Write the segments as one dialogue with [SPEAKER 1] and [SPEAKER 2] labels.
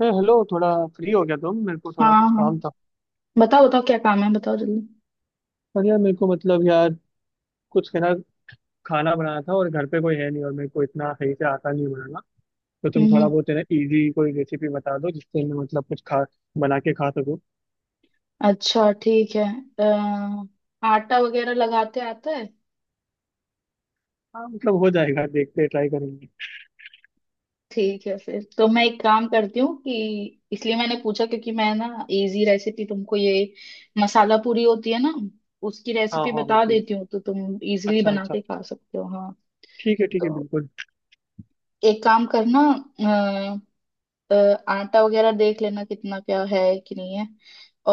[SPEAKER 1] अरे हेलो, थोड़ा फ्री हो गया? तुम मेरे को
[SPEAKER 2] हाँ।
[SPEAKER 1] थोड़ा कुछ
[SPEAKER 2] हाँ,
[SPEAKER 1] काम था।
[SPEAKER 2] बताओ बताओ क्या काम है, बताओ जल्दी।
[SPEAKER 1] पर यार, मेरे को मतलब यार, कुछ है ना, खाना बनाना था और घर पे कोई है नहीं और मेरे को इतना सही से आता नहीं बनाना। तो तुम
[SPEAKER 2] हम्म।
[SPEAKER 1] थोड़ा बहुत है ना, इजी कोई रेसिपी बता दो जिससे मैं मतलब कुछ खा बना के खा सकूँ।
[SPEAKER 2] अच्छा, ठीक है। आटा वगैरह लगाते आता है?
[SPEAKER 1] हाँ, मतलब हो जाएगा, देखते ट्राई करेंगे।
[SPEAKER 2] ठीक है, फिर तो मैं एक काम करती हूँ कि इसलिए मैंने पूछा, क्योंकि मैं ना, इजी रेसिपी तुमको ये मसाला पूरी होती है ना, उसकी
[SPEAKER 1] हाँ
[SPEAKER 2] रेसिपी
[SPEAKER 1] हाँ, वो
[SPEAKER 2] बता
[SPEAKER 1] चीज़।
[SPEAKER 2] देती हूँ, तो तुम इजीली
[SPEAKER 1] अच्छा
[SPEAKER 2] बना
[SPEAKER 1] अच्छा,
[SPEAKER 2] के खा सकते हो। हाँ।
[SPEAKER 1] ठीक है ठीक है,
[SPEAKER 2] तो
[SPEAKER 1] बिल्कुल।
[SPEAKER 2] एक काम करना। अ, आटा वगैरह देख लेना कितना क्या है, कि नहीं है।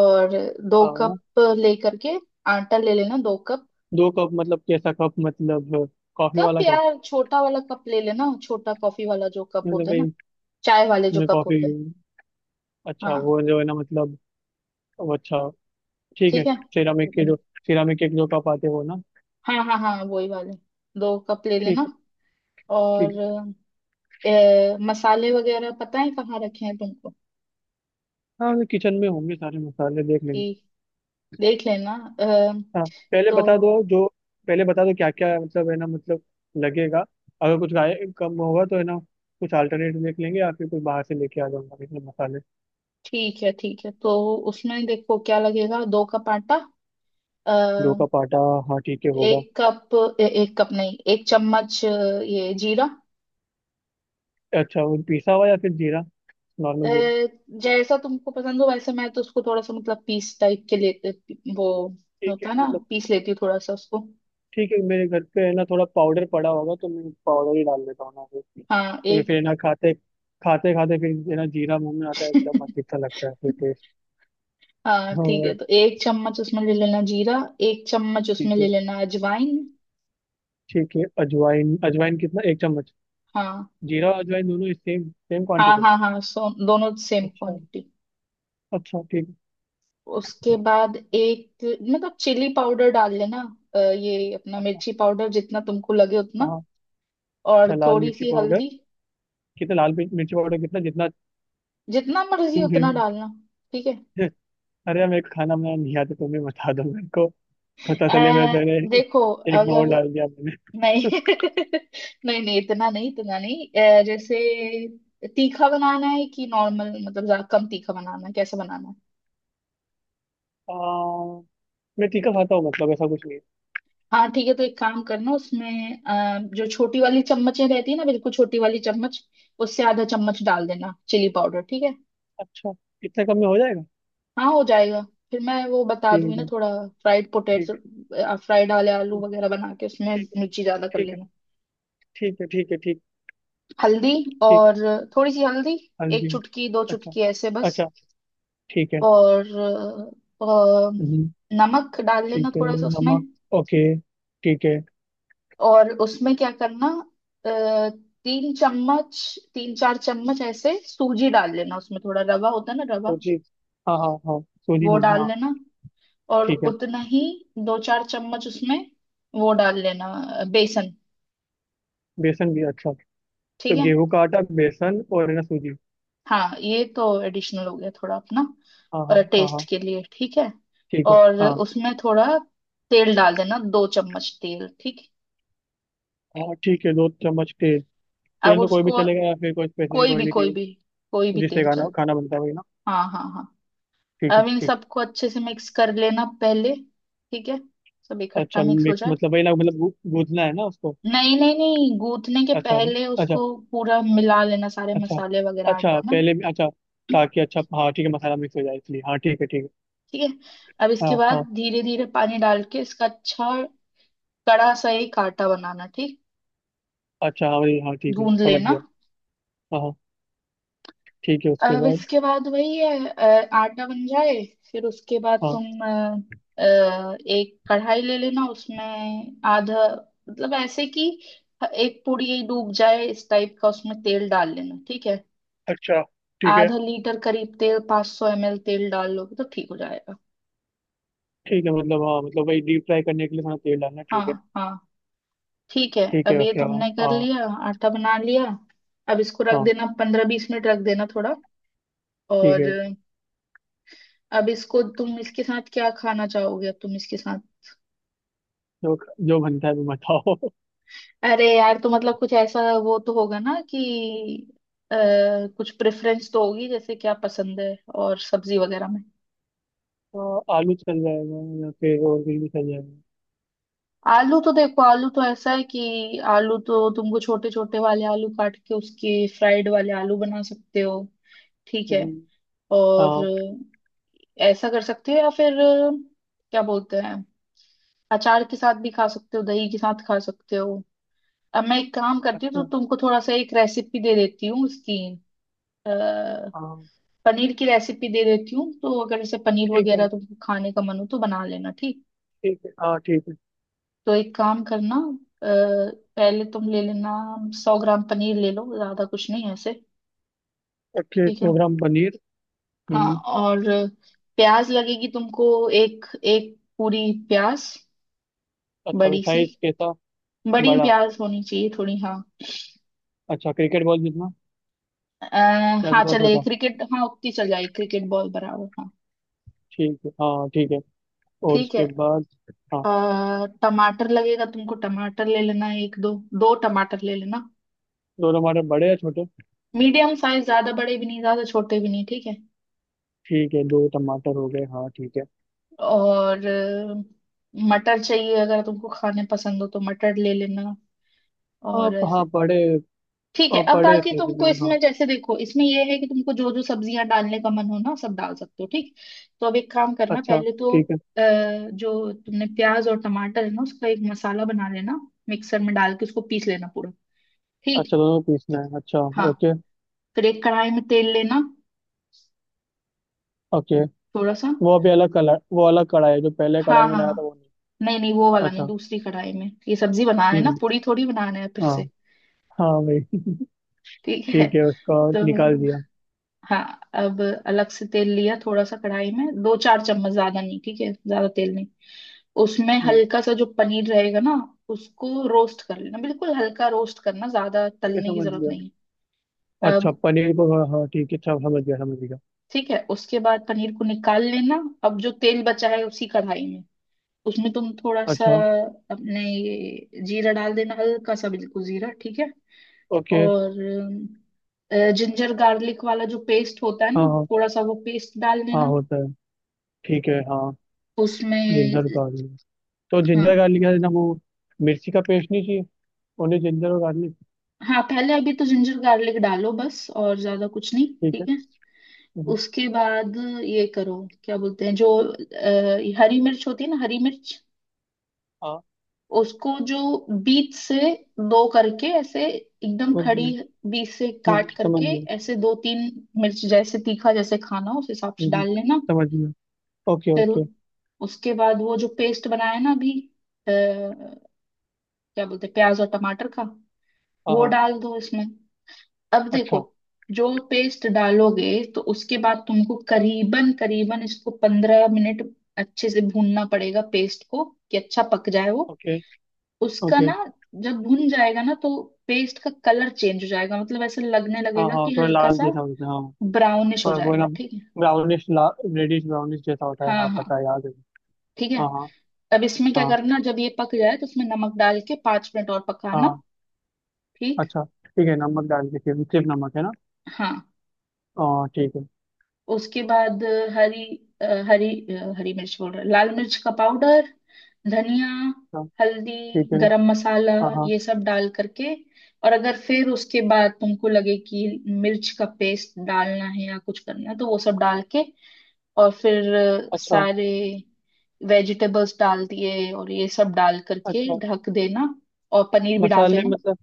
[SPEAKER 2] और दो
[SPEAKER 1] आ,
[SPEAKER 2] कप लेकर के आटा ले लेना, 2 कप।
[SPEAKER 1] दो कप मतलब कैसा कप? मतलब कॉफी
[SPEAKER 2] कप
[SPEAKER 1] वाला कप?
[SPEAKER 2] यार छोटा वाला कप ले लेना, छोटा कॉफी वाला जो कप
[SPEAKER 1] मतलब
[SPEAKER 2] होता है ना,
[SPEAKER 1] भाई
[SPEAKER 2] चाय वाले जो
[SPEAKER 1] मैं
[SPEAKER 2] कप
[SPEAKER 1] कॉफी,
[SPEAKER 2] होते हैं।
[SPEAKER 1] अच्छा
[SPEAKER 2] हाँ
[SPEAKER 1] वो जो है ना, मतलब वो, अच्छा ठीक है।
[SPEAKER 2] ठीक है।
[SPEAKER 1] सिरामिक के जो सिरामिक के जो कप आते हैं वो ना।
[SPEAKER 2] हाँ हाँ हाँ वही वाले। 2 कप ले
[SPEAKER 1] ठीक
[SPEAKER 2] लेना।
[SPEAKER 1] है। ठीक
[SPEAKER 2] और
[SPEAKER 1] है।
[SPEAKER 2] मसाले वगैरह पता है कहाँ रखे हैं तुमको?
[SPEAKER 1] हाँ, वो किचन में होंगे, सारे मसाले देख
[SPEAKER 2] कि
[SPEAKER 1] लेंगे।
[SPEAKER 2] देख लेना। अ,
[SPEAKER 1] हाँ, पहले
[SPEAKER 2] तो
[SPEAKER 1] बता दो जो, पहले बता दो क्या क्या मतलब है ना, मतलब लगेगा। अगर कुछ गाय कम होगा तो है ना, कुछ अल्टरनेट देख लेंगे या फिर कुछ बाहर से लेके आ जाऊंगा इसमें मसाले।
[SPEAKER 2] ठीक है, ठीक है। तो उसमें देखो क्या लगेगा। दो कप
[SPEAKER 1] दो
[SPEAKER 2] आटा
[SPEAKER 1] का पाटा, हाँ ठीक है
[SPEAKER 2] एक
[SPEAKER 1] होगा।
[SPEAKER 2] कप 1 कप नहीं, 1 चम्मच। ये जीरा।
[SPEAKER 1] अच्छा वो पिसा हुआ या फिर जीरा,
[SPEAKER 2] अ,
[SPEAKER 1] नॉर्मल जीरा?
[SPEAKER 2] जैसा तुमको पसंद हो वैसे। मैं तो उसको थोड़ा सा मतलब पीस टाइप के लेते वो
[SPEAKER 1] ठीक
[SPEAKER 2] होता
[SPEAKER 1] है
[SPEAKER 2] है ना,
[SPEAKER 1] मतलब।
[SPEAKER 2] पीस लेती हूँ थोड़ा सा उसको।
[SPEAKER 1] ठीक है, मेरे घर पे है ना, थोड़ा पाउडर पड़ा होगा तो मैं पाउडर ही डाल देता हूँ ना, फिर,
[SPEAKER 2] हाँ
[SPEAKER 1] क्योंकि
[SPEAKER 2] एक।
[SPEAKER 1] फिर है ना, खाते खाते खाते फिर है ना, जीरा मुंह में आता है, एकदम अजीब सा लगता है फिर टेस्ट।
[SPEAKER 2] हाँ
[SPEAKER 1] तो
[SPEAKER 2] ठीक है। तो 1 चम्मच उसमें ले लेना जीरा। 1 चम्मच उसमें
[SPEAKER 1] ठीक है।
[SPEAKER 2] ले लेना अजवाइन।
[SPEAKER 1] ठीक है, अजवाइन अजवाइन कितना? एक चम्मच?
[SPEAKER 2] हाँ
[SPEAKER 1] जीरा और अजवाइन दोनों सेम सेम
[SPEAKER 2] हाँ
[SPEAKER 1] क्वांटिटी?
[SPEAKER 2] हाँ हाँ, सो दोनों सेम
[SPEAKER 1] अच्छा,
[SPEAKER 2] क्वांटिटी।
[SPEAKER 1] अच्छा ठीक है।
[SPEAKER 2] उसके बाद एक मतलब चिली पाउडर डाल लेना। ये अपना
[SPEAKER 1] अच्छा,
[SPEAKER 2] मिर्ची पाउडर जितना तुमको लगे उतना।
[SPEAKER 1] हाँ।
[SPEAKER 2] और
[SPEAKER 1] अच्छा लाल
[SPEAKER 2] थोड़ी
[SPEAKER 1] मिर्ची
[SPEAKER 2] सी
[SPEAKER 1] पाउडर
[SPEAKER 2] हल्दी।
[SPEAKER 1] कितना? मिर्ची पाउडर कितना? जितना
[SPEAKER 2] जितना मर्जी
[SPEAKER 1] तुम फिर।
[SPEAKER 2] उतना डालना। ठीक है।
[SPEAKER 1] अरे यार, मेरे को खाना बनाना नहीं आता, तुम्हें बता दो मेरे को, पता
[SPEAKER 2] अ,
[SPEAKER 1] चले मैं तेरे
[SPEAKER 2] देखो
[SPEAKER 1] एक पाव
[SPEAKER 2] अगर,
[SPEAKER 1] डाल दिया मैंने।
[SPEAKER 2] नहीं नहीं नहीं, इतना नहीं, इतना नहीं। जैसे तीखा बनाना है कि नॉर्मल, मतलब ज्यादा कम तीखा बनाना है, कैसे बनाना है?
[SPEAKER 1] आ, मैं तीखा खाता हूँ, मतलब ऐसा कुछ नहीं।
[SPEAKER 2] हाँ ठीक है। तो एक काम करना, उसमें जो छोटी वाली चम्मचें रहती है ना, बिल्कुल छोटी वाली चम्मच उससे ½ चम्मच डाल देना चिली पाउडर। ठीक है।
[SPEAKER 1] अच्छा, इतने कम में हो जाएगा?
[SPEAKER 2] हाँ हो जाएगा। फिर मैं वो बता दूंगी
[SPEAKER 1] ठीक
[SPEAKER 2] ना,
[SPEAKER 1] है।
[SPEAKER 2] थोड़ा फ्राइड
[SPEAKER 1] ठीक
[SPEAKER 2] पोटेटो,
[SPEAKER 1] है
[SPEAKER 2] फ्राइड वाले आलू वगैरह बना के उसमें
[SPEAKER 1] ठीक है
[SPEAKER 2] मिर्ची ज्यादा कर
[SPEAKER 1] ठीक है।
[SPEAKER 2] लेना।
[SPEAKER 1] ठीक है ठीक है ठीक है ठीक है।
[SPEAKER 2] हल्दी।
[SPEAKER 1] ठीक है।
[SPEAKER 2] और थोड़ी सी हल्दी। एक
[SPEAKER 1] हल्दी।
[SPEAKER 2] चुटकी, दो
[SPEAKER 1] अच्छा,
[SPEAKER 2] चुटकी, ऐसे बस।
[SPEAKER 1] अच्छा। ठीक है।
[SPEAKER 2] और
[SPEAKER 1] हम्म।
[SPEAKER 2] नमक डाल
[SPEAKER 1] ठीक
[SPEAKER 2] लेना
[SPEAKER 1] है।
[SPEAKER 2] थोड़ा सा उसमें।
[SPEAKER 1] नमक, ओके, ठीक है।
[SPEAKER 2] और उसमें क्या करना। अ, 3 चम्मच, 3-4 चम्मच ऐसे सूजी डाल लेना। उसमें थोड़ा रवा होता है ना, रवा
[SPEAKER 1] सूजी, हाँ हाँ हाँ सूजी
[SPEAKER 2] वो
[SPEAKER 1] बोलिए
[SPEAKER 2] डाल
[SPEAKER 1] हाँ।
[SPEAKER 2] लेना। और
[SPEAKER 1] ठीक है।
[SPEAKER 2] उतना ही, 2-4 चम्मच उसमें वो डाल लेना। बेसन।
[SPEAKER 1] बेसन भी, अच्छा।
[SPEAKER 2] ठीक
[SPEAKER 1] तो
[SPEAKER 2] है।
[SPEAKER 1] गेहूं का आटा, बेसन और है ना, सूजी।
[SPEAKER 2] हाँ, ये तो एडिशनल हो गया, थोड़ा अपना
[SPEAKER 1] हाँ हाँ हाँ
[SPEAKER 2] टेस्ट
[SPEAKER 1] हाँ।
[SPEAKER 2] के लिए। ठीक है।
[SPEAKER 1] ठीक है।
[SPEAKER 2] और
[SPEAKER 1] हाँ।
[SPEAKER 2] उसमें थोड़ा तेल डाल देना, 2 चम्मच तेल। ठीक।
[SPEAKER 1] हाँ, ठीक है, दो चम्मच तेल।
[SPEAKER 2] अब
[SPEAKER 1] तेल तो कोई भी
[SPEAKER 2] उसको,
[SPEAKER 1] चलेगा या फिर कोई स्पेसिफिक
[SPEAKER 2] कोई भी,
[SPEAKER 1] ऑयल
[SPEAKER 2] कोई
[SPEAKER 1] चाहिए?
[SPEAKER 2] भी, कोई भी
[SPEAKER 1] जिससे
[SPEAKER 2] तेल
[SPEAKER 1] खाना
[SPEAKER 2] चल।
[SPEAKER 1] खाना बनता है वही ना?
[SPEAKER 2] हाँ हाँ हाँ।
[SPEAKER 1] ठीक है,
[SPEAKER 2] अब इन
[SPEAKER 1] ठीक।
[SPEAKER 2] सबको अच्छे से मिक्स कर लेना पहले। ठीक है। सब इकट्ठा
[SPEAKER 1] अच्छा
[SPEAKER 2] मिक्स हो
[SPEAKER 1] मिक्स
[SPEAKER 2] जाए।
[SPEAKER 1] मतलब वही ना, मतलब गूंथना है ना उसको?
[SPEAKER 2] नहीं नहीं नहीं, गूथने के
[SPEAKER 1] अच्छा।
[SPEAKER 2] पहले
[SPEAKER 1] अच्छा।
[SPEAKER 2] उसको पूरा मिला लेना, सारे
[SPEAKER 1] अच्छा,
[SPEAKER 2] मसाले वगैरह
[SPEAKER 1] अच्छा,
[SPEAKER 2] आटा में।
[SPEAKER 1] पहले भी, अच्छा। ताकि, अच्छा हाँ ठीक है, मसाला मिक्स हो जाए इसलिए, हाँ ठीक है ठीक है।
[SPEAKER 2] ठीक है। अब
[SPEAKER 1] हाँ
[SPEAKER 2] इसके बाद
[SPEAKER 1] हाँ।
[SPEAKER 2] धीरे धीरे पानी डाल के इसका अच्छा कड़ा सा एक आटा बनाना। ठीक।
[SPEAKER 1] अच्छा हाँ, वही, हाँ ठीक है,
[SPEAKER 2] गूंद
[SPEAKER 1] समझ
[SPEAKER 2] लेना।
[SPEAKER 1] गया। हाँ हाँ। ठीक है, उसके
[SPEAKER 2] अब
[SPEAKER 1] बाद।
[SPEAKER 2] इसके बाद वही है, आटा बन जाए फिर उसके बाद
[SPEAKER 1] हाँ,
[SPEAKER 2] तुम, एक कढ़ाई ले लेना। उसमें आधा, मतलब ऐसे कि एक पूरी डूब जाए इस टाइप का उसमें तेल डाल लेना। ठीक है।
[SPEAKER 1] अच्छा। ठीक है।
[SPEAKER 2] ½ लीटर करीब तेल, 500 सौ एम एल तेल डाल लोगे तो ठीक हो जाएगा।
[SPEAKER 1] ठीक है मतलब, हाँ मतलब वही, डीप फ्राई करने के लिए थोड़ा तेल डालना,
[SPEAKER 2] हाँ
[SPEAKER 1] ठीक है।
[SPEAKER 2] हाँ ठीक है।
[SPEAKER 1] ठीक है
[SPEAKER 2] अब ये
[SPEAKER 1] उसके बाद,
[SPEAKER 2] तुमने कर
[SPEAKER 1] हाँ।
[SPEAKER 2] लिया, आटा बना लिया। अब इसको रख
[SPEAKER 1] हाँ,
[SPEAKER 2] देना, 15-20 मिनट रख देना थोड़ा।
[SPEAKER 1] ठीक है।
[SPEAKER 2] और अब इसको तुम इसके साथ क्या खाना चाहोगे? अब तुम इसके साथ,
[SPEAKER 1] जो, जो बनता है वो बताओ।
[SPEAKER 2] अरे यार, तो मतलब कुछ ऐसा वो तो होगा ना कि, आ, कुछ प्रेफरेंस तो होगी, जैसे क्या पसंद है और सब्जी वगैरह में।
[SPEAKER 1] हाँ, आलू चल जाएगा या फिर और कुछ भी चल जाएगा।
[SPEAKER 2] आलू तो देखो, आलू तो ऐसा है कि आलू तो तुमको छोटे छोटे वाले आलू काट के उसके फ्राइड वाले आलू बना सकते हो। ठीक है।
[SPEAKER 1] हम्म,
[SPEAKER 2] और
[SPEAKER 1] हाँ।
[SPEAKER 2] ऐसा कर सकते हो, या फिर क्या बोलते हैं, अचार के साथ भी खा सकते हो, दही के साथ खा सकते हो। अब मैं एक काम करती हूँ, तो
[SPEAKER 1] अच्छा,
[SPEAKER 2] तुमको थोड़ा सा एक रेसिपी दे देती हूँ इसकी।
[SPEAKER 1] हाँ।
[SPEAKER 2] पनीर की रेसिपी दे देती हूँ, तो अगर जैसे पनीर
[SPEAKER 1] ठीक है,
[SPEAKER 2] वगैरह तुमको खाने का मन हो तो बना लेना। ठीक।
[SPEAKER 1] ठीक है, हाँ ठीक है।
[SPEAKER 2] तो एक काम करना। अ, पहले तुम ले लेना 100 ग्राम पनीर, ले लो। ज्यादा कुछ नहीं है ऐसे।
[SPEAKER 1] ओके,
[SPEAKER 2] ठीक है।
[SPEAKER 1] सौ ग्राम पनीर।
[SPEAKER 2] हाँ
[SPEAKER 1] हम्म।
[SPEAKER 2] और प्याज लगेगी तुमको, एक एक पूरी प्याज।
[SPEAKER 1] अच्छा,
[SPEAKER 2] बड़ी सी,
[SPEAKER 1] साइज कैसा?
[SPEAKER 2] बड़ी
[SPEAKER 1] बड़ा?
[SPEAKER 2] प्याज होनी चाहिए थोड़ी। हाँ।
[SPEAKER 1] अच्छा क्रिकेट बॉल जितना
[SPEAKER 2] अ,
[SPEAKER 1] या
[SPEAKER 2] हाँ
[SPEAKER 1] फिर थोड़ा
[SPEAKER 2] चले
[SPEAKER 1] छोटा?
[SPEAKER 2] क्रिकेट, हाँ उतनी चल जाएगी, क्रिकेट बॉल बराबर। हाँ
[SPEAKER 1] ठीक है, हाँ ठीक है। और
[SPEAKER 2] ठीक
[SPEAKER 1] उसके
[SPEAKER 2] है।
[SPEAKER 1] बाद? हाँ।
[SPEAKER 2] टमाटर लगेगा तुमको, टमाटर ले लेना एक दो, दो टमाटर ले लेना।
[SPEAKER 1] दो टमाटर, बड़े या छोटे?
[SPEAKER 2] मीडियम साइज, ज्यादा बड़े भी नहीं, ज्यादा छोटे भी नहीं। ठीक है।
[SPEAKER 1] ठीक है, दो टमाटर हो गए, हाँ ठीक है।
[SPEAKER 2] और मटर चाहिए अगर तुमको खाने पसंद हो तो मटर ले लेना। और
[SPEAKER 1] आप हाँ,
[SPEAKER 2] ऐसे,
[SPEAKER 1] बड़े।
[SPEAKER 2] ठीक है।
[SPEAKER 1] आप
[SPEAKER 2] अब
[SPEAKER 1] बड़े
[SPEAKER 2] बाकी
[SPEAKER 1] थे
[SPEAKER 2] तुमको
[SPEAKER 1] जमीन हाँ।
[SPEAKER 2] इसमें, जैसे देखो इसमें ये है कि तुमको जो जो सब्जियां डालने का मन हो ना, सब डाल सकते हो। ठीक। तो अब एक काम करना,
[SPEAKER 1] अच्छा,
[SPEAKER 2] पहले तो
[SPEAKER 1] ठीक है।
[SPEAKER 2] जो तुमने प्याज और टमाटर है ना, उसका एक मसाला बना लेना। मिक्सर में डाल के उसको पीस लेना पूरा।
[SPEAKER 1] अच्छा,
[SPEAKER 2] ठीक।
[SPEAKER 1] दोनों को पीसना है? अच्छा,
[SPEAKER 2] हाँ।
[SPEAKER 1] ओके।
[SPEAKER 2] फिर एक कढ़ाई में तेल लेना,
[SPEAKER 1] ओके।
[SPEAKER 2] थोड़ा सा।
[SPEAKER 1] वो अभी अलग कलर, वो अलग कढ़ाई है? जो पहले
[SPEAKER 2] हाँ
[SPEAKER 1] कढ़ाई में
[SPEAKER 2] हाँ
[SPEAKER 1] लाया था
[SPEAKER 2] हाँ।
[SPEAKER 1] वो नहीं?
[SPEAKER 2] नहीं नहीं, वो वाला नहीं,
[SPEAKER 1] अच्छा।
[SPEAKER 2] दूसरी कढ़ाई में ये सब्जी बनाना है ना,
[SPEAKER 1] हम्म।
[SPEAKER 2] पूड़ी थोड़ी बनाना है फिर
[SPEAKER 1] हाँ।
[SPEAKER 2] से।
[SPEAKER 1] हाँ भाई।
[SPEAKER 2] ठीक है।
[SPEAKER 1] ठीक है, उसका
[SPEAKER 2] तो
[SPEAKER 1] निकाल दिया।
[SPEAKER 2] हाँ, अब अलग से तेल लिया थोड़ा सा कढ़ाई में, 2-4 चम्मच, ज्यादा नहीं। ठीक है, ज्यादा तेल नहीं। उसमें
[SPEAKER 1] हम्म।
[SPEAKER 2] हल्का सा जो पनीर रहेगा ना, उसको रोस्ट कर लेना, बिल्कुल हल्का रोस्ट करना, ज्यादा
[SPEAKER 1] ठीक है,
[SPEAKER 2] तलने की
[SPEAKER 1] समझ
[SPEAKER 2] जरूरत
[SPEAKER 1] गया।
[SPEAKER 2] नहीं है।
[SPEAKER 1] अच्छा
[SPEAKER 2] अब
[SPEAKER 1] पनीर को, हाँ हाँ, ठीक है, अच्छा समझ गया समझ गया।
[SPEAKER 2] ठीक है, उसके बाद पनीर को निकाल लेना। अब जो तेल बचा है उसी कढ़ाई में, उसमें तुम थोड़ा सा
[SPEAKER 1] अच्छा,
[SPEAKER 2] अपने ये जीरा डाल देना, हल्का सा बिल्कुल जीरा। ठीक है।
[SPEAKER 1] ओके।
[SPEAKER 2] और जिंजर गार्लिक वाला जो पेस्ट होता है
[SPEAKER 1] हाँ
[SPEAKER 2] ना,
[SPEAKER 1] हाँ,
[SPEAKER 2] थोड़ा सा वो पेस्ट डाल
[SPEAKER 1] हाँ
[SPEAKER 2] देना
[SPEAKER 1] होता है। ठीक है, हाँ।
[SPEAKER 2] उसमें।
[SPEAKER 1] जिंजर गार्लिक, तो जिंजर
[SPEAKER 2] हाँ
[SPEAKER 1] गार्लिक है ना वो, मिर्ची का पेस्ट नहीं चाहिए? ओनली जिंजर और गार्लिक?
[SPEAKER 2] हाँ, पहले अभी तो जिंजर गार्लिक डालो बस, और ज्यादा कुछ नहीं।
[SPEAKER 1] ठीक है।
[SPEAKER 2] ठीक है।
[SPEAKER 1] हम्म,
[SPEAKER 2] उसके बाद ये करो, क्या बोलते हैं, जो हरी मिर्च होती है ना, हरी मिर्च
[SPEAKER 1] हाँ,
[SPEAKER 2] उसको जो बीच से दो करके ऐसे एकदम
[SPEAKER 1] समझ
[SPEAKER 2] खड़ी,
[SPEAKER 1] गया।
[SPEAKER 2] बीच से काट
[SPEAKER 1] समझ
[SPEAKER 2] करके
[SPEAKER 1] गया।
[SPEAKER 2] ऐसे दो तीन मिर्च, जैसे तीखा जैसे खाना हो, उस हिसाब से
[SPEAKER 1] हम्म,
[SPEAKER 2] डाल लेना।
[SPEAKER 1] समझ गया। ओके
[SPEAKER 2] फिर
[SPEAKER 1] ओके।
[SPEAKER 2] उसके बाद वो जो पेस्ट बनाया ना अभी, क्या बोलते हैं, प्याज और टमाटर का,
[SPEAKER 1] हाँ
[SPEAKER 2] वो
[SPEAKER 1] हाँ।
[SPEAKER 2] डाल दो इसमें। अब देखो,
[SPEAKER 1] अच्छा।
[SPEAKER 2] जो पेस्ट डालोगे तो उसके बाद तुमको करीबन करीबन इसको 15 मिनट अच्छे से भूनना पड़ेगा पेस्ट को, कि अच्छा पक जाए वो।
[SPEAKER 1] ओके
[SPEAKER 2] उसका
[SPEAKER 1] ओके।
[SPEAKER 2] ना जब भुन जाएगा ना, तो पेस्ट का कलर चेंज हो जाएगा, मतलब ऐसे लगने
[SPEAKER 1] हाँ
[SPEAKER 2] लगेगा
[SPEAKER 1] हाँ,
[SPEAKER 2] कि
[SPEAKER 1] थोड़ा
[SPEAKER 2] हल्का
[SPEAKER 1] लाल
[SPEAKER 2] सा
[SPEAKER 1] जैसा होता है हाँ।
[SPEAKER 2] ब्राउनिश हो
[SPEAKER 1] पर वो ना
[SPEAKER 2] जाएगा। ठीक है।
[SPEAKER 1] ब्राउनिश, रेडिश ब्राउनिश जैसा होता है,
[SPEAKER 2] हाँ
[SPEAKER 1] हाँ
[SPEAKER 2] हाँ
[SPEAKER 1] पता है, याद है।
[SPEAKER 2] ठीक है।
[SPEAKER 1] हाँ हाँ।
[SPEAKER 2] अब इसमें क्या
[SPEAKER 1] हाँ
[SPEAKER 2] करना, जब ये पक जाए तो इसमें नमक डाल के 5 मिनट और पकाना।
[SPEAKER 1] हाँ।
[SPEAKER 2] ठीक।
[SPEAKER 1] अच्छा ठीक है, नमक डाल दीजिए, सिर्फ नमक है ना?
[SPEAKER 2] हाँ
[SPEAKER 1] हाँ ठीक है।
[SPEAKER 2] उसके बाद अ, हरी हरी मिर्च बोल रहा, लाल मिर्च का पाउडर, धनिया,
[SPEAKER 1] हाँ। ठीक
[SPEAKER 2] हल्दी,
[SPEAKER 1] है।
[SPEAKER 2] गरम मसाला,
[SPEAKER 1] हाँ हाँ।
[SPEAKER 2] ये सब डाल करके। और अगर फिर उसके बाद तुमको लगे कि मिर्च का पेस्ट डालना है या कुछ करना है तो वो सब डाल के, और फिर
[SPEAKER 1] अच्छा,
[SPEAKER 2] सारे वेजिटेबल्स डाल दिए, और ये सब डाल करके
[SPEAKER 1] अच्छा।
[SPEAKER 2] ढक देना और पनीर भी डाल
[SPEAKER 1] मसाले
[SPEAKER 2] देना।
[SPEAKER 1] मतलब,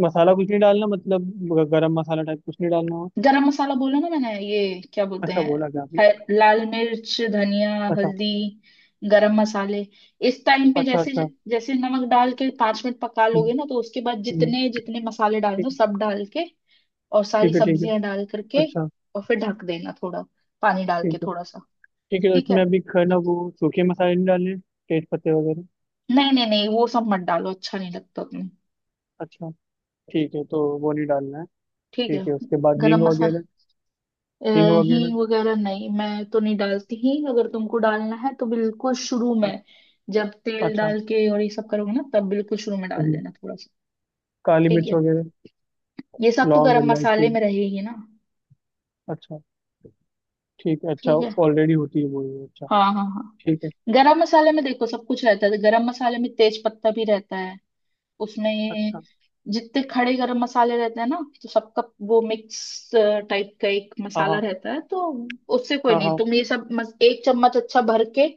[SPEAKER 1] मसाला कुछ नहीं डालना, मतलब गरम मसाला टाइप कुछ नहीं डालना हो?
[SPEAKER 2] गरम मसाला बोला ना मैंने, ये क्या बोलते
[SPEAKER 1] अच्छा
[SPEAKER 2] हैं,
[SPEAKER 1] बोला क्या अभी?
[SPEAKER 2] लाल मिर्च, धनिया,
[SPEAKER 1] अच्छा।
[SPEAKER 2] हल्दी, गरम मसाले इस टाइम पे।
[SPEAKER 1] अच्छा,
[SPEAKER 2] जैसे,
[SPEAKER 1] अच्छा।
[SPEAKER 2] जैसे नमक डाल के पांच मिनट पका
[SPEAKER 1] हम्म,
[SPEAKER 2] लोगे ना, तो उसके बाद
[SPEAKER 1] हम्म,
[SPEAKER 2] जितने जितने मसाले डालने हो,
[SPEAKER 1] ठीक है।
[SPEAKER 2] सब डाल के और सारी
[SPEAKER 1] ठीक है ठीक है।
[SPEAKER 2] सब्जियां डाल करके,
[SPEAKER 1] अच्छा।
[SPEAKER 2] और फिर ढक देना थोड़ा, पानी डाल के
[SPEAKER 1] ठीक है।
[SPEAKER 2] थोड़ा सा।
[SPEAKER 1] ठीक है, तो
[SPEAKER 2] ठीक
[SPEAKER 1] इसमें
[SPEAKER 2] है।
[SPEAKER 1] अभी खाना वो सूखे मसाले नहीं डालने, तेज पत्ते वगैरह?
[SPEAKER 2] नहीं नहीं नहीं, वो सब मत डालो, अच्छा नहीं लगता तुम्हें।
[SPEAKER 1] अच्छा, ठीक है, तो वो नहीं डालना है।
[SPEAKER 2] ठीक है।
[SPEAKER 1] ठीक है, उसके बाद
[SPEAKER 2] गरम
[SPEAKER 1] हींग
[SPEAKER 2] मसाला।
[SPEAKER 1] वगैरह?
[SPEAKER 2] अ,
[SPEAKER 1] हींग वगैरह।
[SPEAKER 2] हींग वगैरह नहीं, मैं तो नहीं डालती हींग। अगर तुमको डालना है तो बिल्कुल शुरू
[SPEAKER 1] हाँ,
[SPEAKER 2] में, जब तेल
[SPEAKER 1] अच्छा।
[SPEAKER 2] डाल के और ये सब करोगे ना, तब बिल्कुल शुरू में डाल
[SPEAKER 1] हम्म,
[SPEAKER 2] देना थोड़ा सा।
[SPEAKER 1] काली
[SPEAKER 2] ठीक
[SPEAKER 1] मिर्च
[SPEAKER 2] है।
[SPEAKER 1] वगैरह,
[SPEAKER 2] ये सब तो
[SPEAKER 1] लौंग
[SPEAKER 2] गरम मसाले
[SPEAKER 1] इलायची?
[SPEAKER 2] में रहेगी ना।
[SPEAKER 1] अच्छा, ठीक है, अच्छा।
[SPEAKER 2] ठीक है।
[SPEAKER 1] ऑलरेडी होती है वो ही, अच्छा।
[SPEAKER 2] हाँ हाँ हाँ।
[SPEAKER 1] ठीक है।
[SPEAKER 2] गरम मसाले में देखो सब कुछ रहता है, गरम मसाले में तेज पत्ता भी रहता है उसमें।
[SPEAKER 1] अच्छा।
[SPEAKER 2] जितने खड़े गरम मसाले रहते हैं ना, तो सबका वो मिक्स टाइप का एक
[SPEAKER 1] हाँ
[SPEAKER 2] मसाला
[SPEAKER 1] हाँ।
[SPEAKER 2] रहता है। तो उससे कोई
[SPEAKER 1] हाँ
[SPEAKER 2] नहीं,
[SPEAKER 1] हाँ।
[SPEAKER 2] तुम ये सब 1 चम्मच अच्छा भर के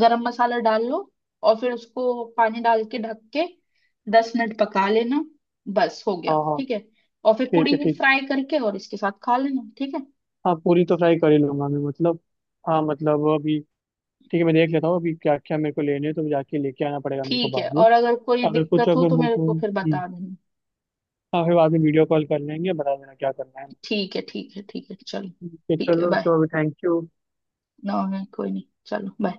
[SPEAKER 2] गरम मसाला डाल लो। और फिर उसको पानी डाल के, ढक के, 10 मिनट पका लेना। बस, हो गया।
[SPEAKER 1] हाँ हाँ।
[SPEAKER 2] ठीक है। और फिर
[SPEAKER 1] ठीक
[SPEAKER 2] पूरी
[SPEAKER 1] है, ठीक।
[SPEAKER 2] फ्राई करके और इसके साथ खा लेना। ठीक है।
[SPEAKER 1] हाँ पूरी तो फ्राई कर ही लूंगा मैं, मतलब हाँ मतलब अभी। ठीक है, मैं देख लेता हूँ अभी क्या क्या मेरे को लेने हैं, तो जाके लेके आना पड़ेगा मेरे को
[SPEAKER 2] ठीक है,
[SPEAKER 1] बाद में।
[SPEAKER 2] और अगर कोई
[SPEAKER 1] अगर कुछ,
[SPEAKER 2] दिक्कत हो
[SPEAKER 1] अगर
[SPEAKER 2] तो
[SPEAKER 1] हो
[SPEAKER 2] मेरे
[SPEAKER 1] तो,
[SPEAKER 2] को फिर बता देना।
[SPEAKER 1] हाँ, फिर बाद में वीडियो कॉल कर लेंगे, बता देना क्या करना है।
[SPEAKER 2] ठीक है, ठीक है, ठीक है, चलो।
[SPEAKER 1] ठीक है,
[SPEAKER 2] ठीक है,
[SPEAKER 1] चलो
[SPEAKER 2] बाय।
[SPEAKER 1] तो अभी, थैंक यू।
[SPEAKER 2] ना, कोई नहीं, चलो बाय।